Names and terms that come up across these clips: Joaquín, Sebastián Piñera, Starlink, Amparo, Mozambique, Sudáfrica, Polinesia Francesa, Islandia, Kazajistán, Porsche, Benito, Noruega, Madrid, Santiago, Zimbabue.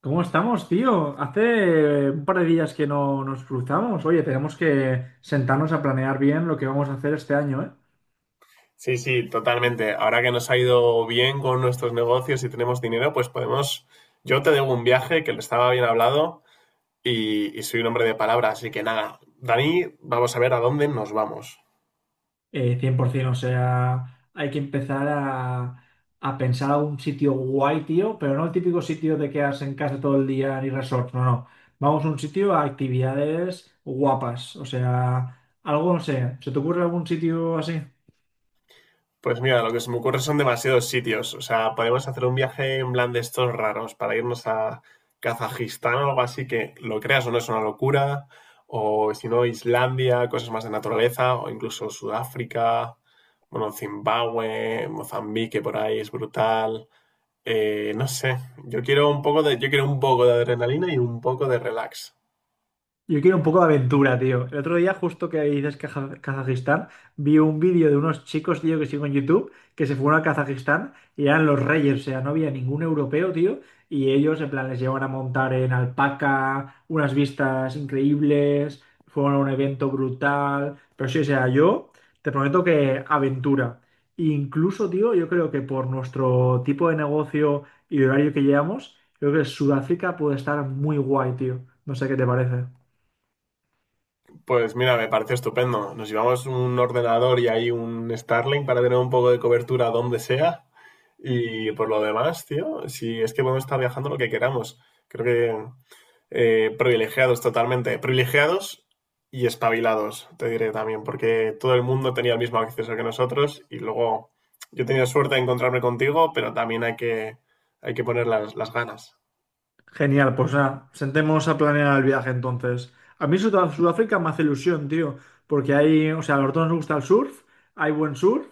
¿Cómo estamos, tío? Hace un par de días que no nos cruzamos. Oye, tenemos que sentarnos a planear bien lo que vamos a hacer este año, ¿eh? Sí, sí, totalmente. Ahora que nos ha ido bien con nuestros negocios y tenemos dinero, pues podemos. Yo te debo un viaje que le estaba bien hablado y soy un hombre de palabra, así que nada. Dani, vamos a ver a dónde nos vamos. 100%, o sea, hay que empezar a pensar un sitio guay, tío, pero no el típico sitio de quedarse en casa todo el día ni resort, no, no. Vamos a un sitio a actividades guapas, o sea, algo, no sé, ¿se te ocurre algún sitio así? Pues mira, lo que se me ocurre son demasiados sitios. O sea, podemos hacer un viaje en plan de estos raros para irnos a Kazajistán o algo así que lo creas o no es una locura. O si no, Islandia, cosas más de naturaleza, o incluso Sudáfrica, bueno, Zimbabue, Mozambique por ahí es brutal. No sé, yo quiero un poco de adrenalina y un poco de relax. Yo quiero un poco de aventura, tío. El otro día, justo que dices Kazajistán, vi un vídeo de unos chicos, tío, que sigo en YouTube, que se fueron a Kazajistán y eran los reyes, o sea, no había ningún europeo, tío, y ellos, en plan, les llevan a montar en alpaca, unas vistas increíbles, fueron a un evento brutal, pero sí, o sea, yo te prometo que aventura. Incluso, tío, yo creo que por nuestro tipo de negocio y horario que llevamos, creo que Sudáfrica puede estar muy guay, tío. No sé qué te parece. Pues mira, me parece estupendo. Nos llevamos un ordenador y ahí un Starlink para tener un poco de cobertura donde sea. Y por lo demás, tío, si es que podemos estar viajando lo que queramos. Creo que privilegiados totalmente. Privilegiados y espabilados, te diré también, porque todo el mundo tenía el mismo acceso que nosotros y luego yo he tenido suerte de encontrarme contigo, pero también hay que poner las ganas. Genial, pues nada, sentémonos a planear el viaje entonces. A mí Sudáfrica me hace ilusión, tío, porque hay, o sea, a los dos nos gusta el surf, hay buen surf,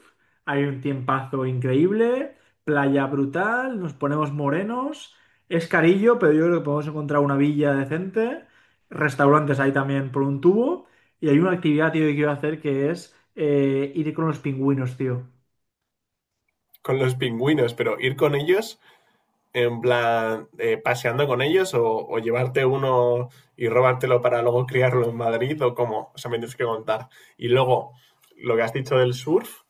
hay un tiempazo increíble, playa brutal, nos ponemos morenos, es carillo, pero yo creo que podemos encontrar una villa decente, restaurantes hay también por un tubo, y hay una actividad, tío, que quiero hacer que es ir con los pingüinos, tío. Con los pingüinos, pero ir con ellos en plan paseando con ellos o llevarte uno y robártelo para luego criarlo en Madrid o ¿cómo? O sea, me tienes que contar. Y luego, lo que has dicho del surf,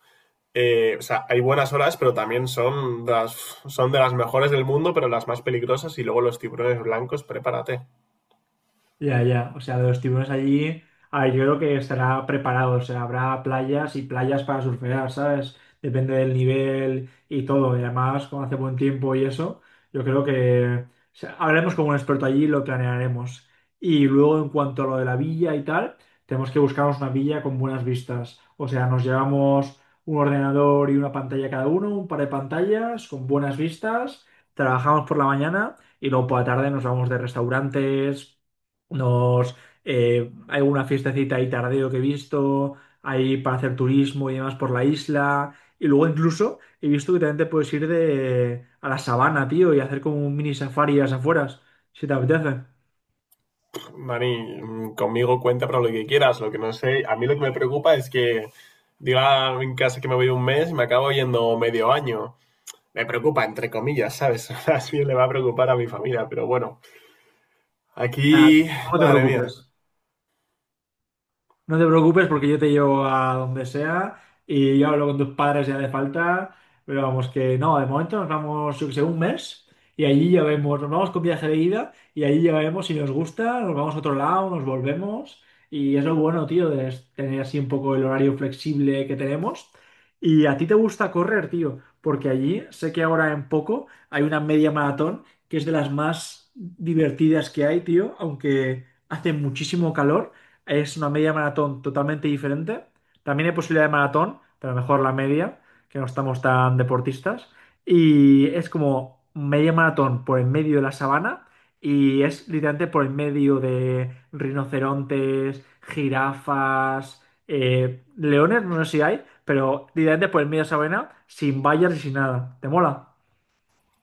o sea, hay buenas olas, pero también son de las mejores del mundo, pero las más peligrosas. Y luego los tiburones blancos, prepárate. Ya, ya, o sea, los tiburones allí, a ver, yo creo que estará preparado, o sea, habrá playas y playas para surfear, ¿sabes? Depende del nivel y todo, y además, como hace buen tiempo y eso, yo creo que o sea, hablaremos con un experto allí y lo planearemos. Y luego, en cuanto a lo de la villa y tal, tenemos que buscarnos una villa con buenas vistas, o sea, nos llevamos un ordenador y una pantalla cada uno, un par de pantallas con buenas vistas, trabajamos por la mañana y luego por la tarde nos vamos de restaurantes nos, hay una fiestecita ahí tardeo que he visto, hay para hacer turismo y demás por la isla. Y luego incluso he visto que también te puedes ir de, a la sabana, tío, y hacer como un mini safari a las afueras, si te apetece. Mani, conmigo cuenta para lo que quieras. Lo que no sé, a mí lo que me preocupa es que diga en casa que me voy un mes y me acabo yendo medio año. Me preocupa, entre comillas, ¿sabes? Así le va a preocupar a mi familia, pero bueno, Nada, aquí, no te madre mía. preocupes. No te preocupes porque yo te llevo a donde sea y yo hablo con tus padres si hace falta, pero vamos que no, de momento nos vamos, yo que sé, un mes y allí ya vemos, nos vamos con viaje de ida y allí ya vemos si nos gusta, nos vamos a otro lado, nos volvemos y es lo bueno, tío, de tener así un poco el horario flexible que tenemos. Y a ti te gusta correr, tío, porque allí sé que ahora en poco hay una media maratón que es de las más divertidas que hay, tío, aunque hace muchísimo calor es una media maratón totalmente diferente. También hay posibilidad de maratón, pero mejor la media, que no estamos tan deportistas. Y es como media maratón por el medio de la sabana y es literalmente por el medio de rinocerontes, jirafas, leones, no sé si hay, pero literalmente por el medio de la sabana, sin vallas y sin nada. ¿Te mola?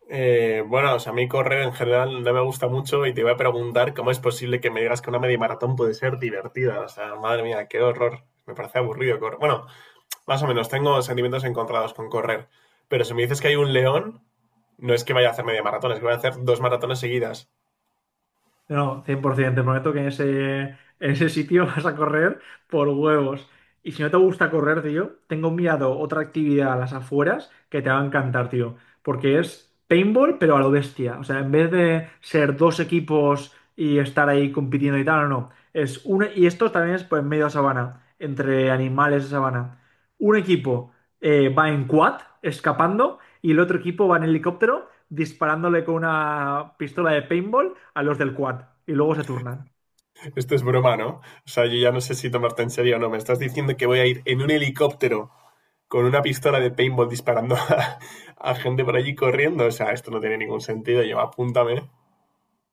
Bueno, o sea, a mí correr en general no me gusta mucho y te iba a preguntar cómo es posible que me digas que una media maratón puede ser divertida. O sea, madre mía, qué horror. Me parece aburrido correr. Bueno, más o menos, tengo sentimientos encontrados con correr. Pero si me dices que hay un león, no es que vaya a hacer media maratón, es que voy a hacer dos maratones seguidas. No, 100%. Te prometo que en ese sitio vas a correr por huevos. Y si no te gusta correr, tío, tengo mirado otra actividad a las afueras que te va a encantar, tío. Porque es paintball, pero a lo bestia. O sea, en vez de ser dos equipos y estar ahí compitiendo y tal, no, no. Es uno, y esto también es pues, en medio de sabana, entre animales de sabana. Un equipo va en quad, escapando, y el otro equipo va en helicóptero disparándole con una pistola de paintball a los del quad y luego se turnan. Esto es broma, ¿no? O sea, yo ya no sé si tomarte en serio o no. Me estás diciendo que voy a ir en un helicóptero con una pistola de paintball disparando a gente por allí corriendo. O sea, esto no tiene ningún sentido. Yo, apúntame.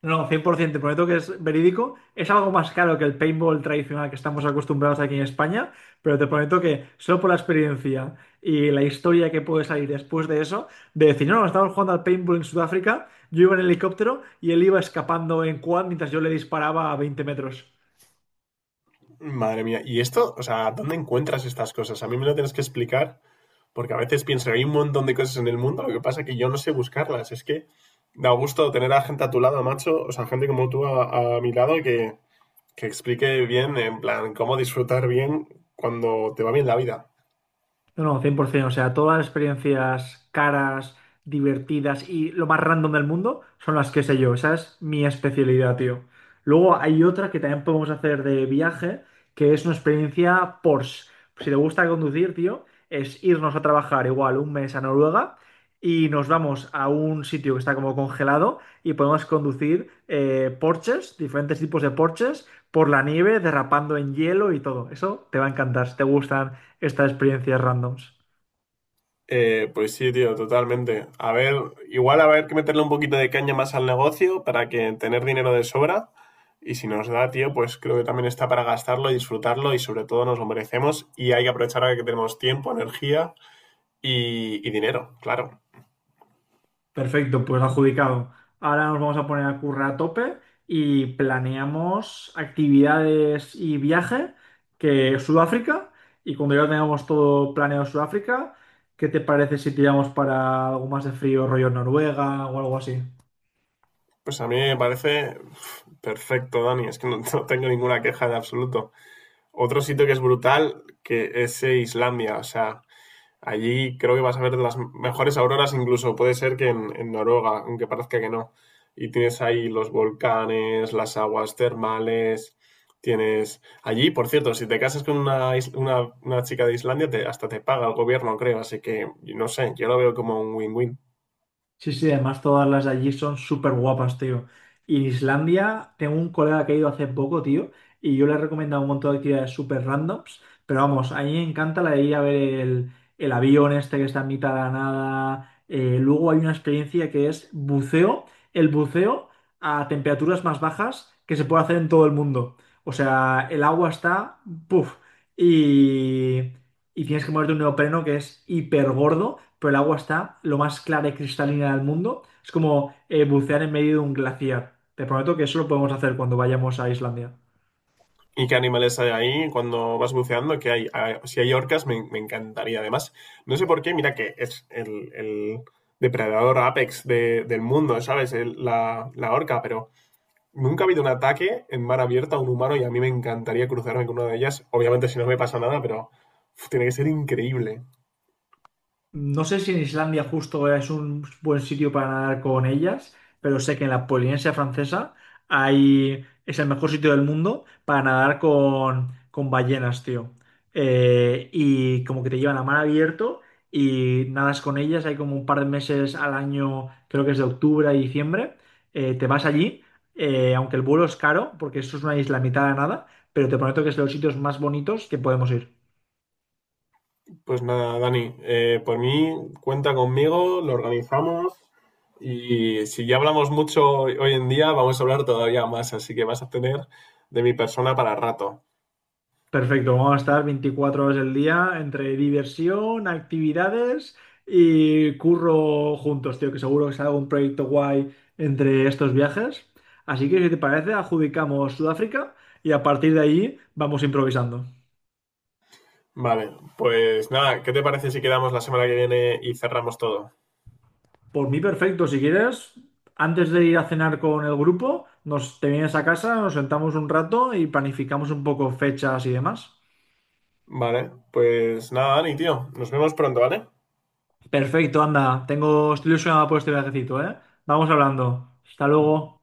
No, cien por ciento te prometo que es verídico. Es algo más caro que el paintball tradicional que estamos acostumbrados aquí en España, pero te prometo que solo por la experiencia y la historia que puede salir después de eso, de decir, no, no, estábamos jugando al paintball en Sudáfrica, yo iba en helicóptero y él iba escapando en quad mientras yo le disparaba a 20 metros. Madre mía. ¿Y esto? O sea, ¿dónde encuentras estas cosas? A mí me lo tienes que explicar, porque a veces pienso que hay un montón de cosas en el mundo, lo que pasa es que yo no sé buscarlas. Es que da gusto tener a gente a tu lado, macho, o sea, gente como tú a mi lado que explique bien, en plan, cómo disfrutar bien cuando te va bien la vida. No, no, 100%. O sea, todas las experiencias caras, divertidas y lo más random del mundo son las que sé yo. Esa es mi especialidad, tío. Luego hay otra que también podemos hacer de viaje, que es una experiencia Porsche. Si te gusta conducir, tío, es irnos a trabajar igual un mes a Noruega y nos vamos a un sitio que está como congelado y podemos conducir Porsches, diferentes tipos de Porsches, por la nieve, derrapando en hielo y todo. Eso te va a encantar. Si te gustan estas experiencias randoms. Pues sí, tío, totalmente. A ver, igual a ver que meterle un poquito de caña más al negocio para que tener dinero de sobra. Y si nos da, tío, pues creo que también está para gastarlo, disfrutarlo y sobre todo nos lo merecemos. Y hay que aprovechar ahora que tenemos tiempo, energía y dinero, claro. Perfecto, pues adjudicado. Ahora nos vamos a poner a currar a tope y planeamos actividades y viaje que Sudáfrica. Y cuando ya tengamos todo planeado Sudáfrica, ¿qué te parece si tiramos para algo más de frío, rollo Noruega o algo así? Pues a mí me parece uf, perfecto, Dani. Es que no, no tengo ninguna queja de absoluto. Otro sitio que es brutal, que es Islandia. O sea, allí creo que vas a ver las mejores auroras, incluso puede ser que en Noruega, aunque parezca que no. Y tienes ahí los volcanes, las aguas termales, tienes allí, por cierto, si te casas con una chica de Islandia, hasta te paga el gobierno, creo, así que no sé, yo lo veo como un win-win. Sí, sí, además todas las de allí son súper guapas, tío. Y en Islandia, tengo un colega que ha ido hace poco, tío, y yo le he recomendado un montón de actividades súper randoms, pero vamos, a mí me encanta la de ir a ver el avión este que está en mitad de la nada. Luego hay una experiencia que es buceo, el buceo a temperaturas más bajas que se puede hacer en todo el mundo. O sea, el agua está, puff, y, y tienes que moverte un neopreno que es hiper gordo pero el agua está lo más clara y cristalina del mundo. Es como bucear en medio de un glaciar. Te prometo que eso lo podemos hacer cuando vayamos a Islandia. ¿Y qué animales hay ahí cuando vas buceando? Que hay, ah, si hay orcas, me encantaría. Además, no sé por qué, mira que es el depredador apex del mundo, ¿sabes? La orca, pero nunca ha habido un ataque en mar abierto a un humano y a mí me encantaría cruzarme con una de ellas. Obviamente, si no me pasa nada, pero uf, tiene que ser increíble. No sé si en Islandia justo es un buen sitio para nadar con ellas, pero sé que en la Polinesia Francesa hay, es el mejor sitio del mundo para nadar con ballenas, tío. Y como que te llevan a mar abierto y nadas con ellas, hay como un par de meses al año, creo que es de octubre a diciembre, te vas allí, aunque el vuelo es caro, porque eso es una isla a mitad de la nada, pero te prometo que es de los sitios más bonitos que podemos ir. Pues nada, Dani, por mí cuenta conmigo, lo organizamos y si ya hablamos mucho hoy en día, vamos a hablar todavía más, así que vas a tener de mi persona para rato. Perfecto, vamos a estar 24 horas del día entre diversión, actividades y curro juntos, tío, que seguro que sale un proyecto guay entre estos viajes. Así que si te parece, adjudicamos Sudáfrica y a partir de ahí vamos improvisando. Vale, pues nada, ¿qué te parece si quedamos la semana que viene y cerramos todo? Por mí, perfecto, si quieres, antes de ir a cenar con el grupo, nos te vienes a casa, nos sentamos un rato y planificamos un poco fechas y demás. Vale, pues nada, Dani, tío, nos vemos pronto, ¿vale? Perfecto, anda, tengo, estoy ilusionado por este viajecito, ¿eh? Vamos hablando. Hasta luego.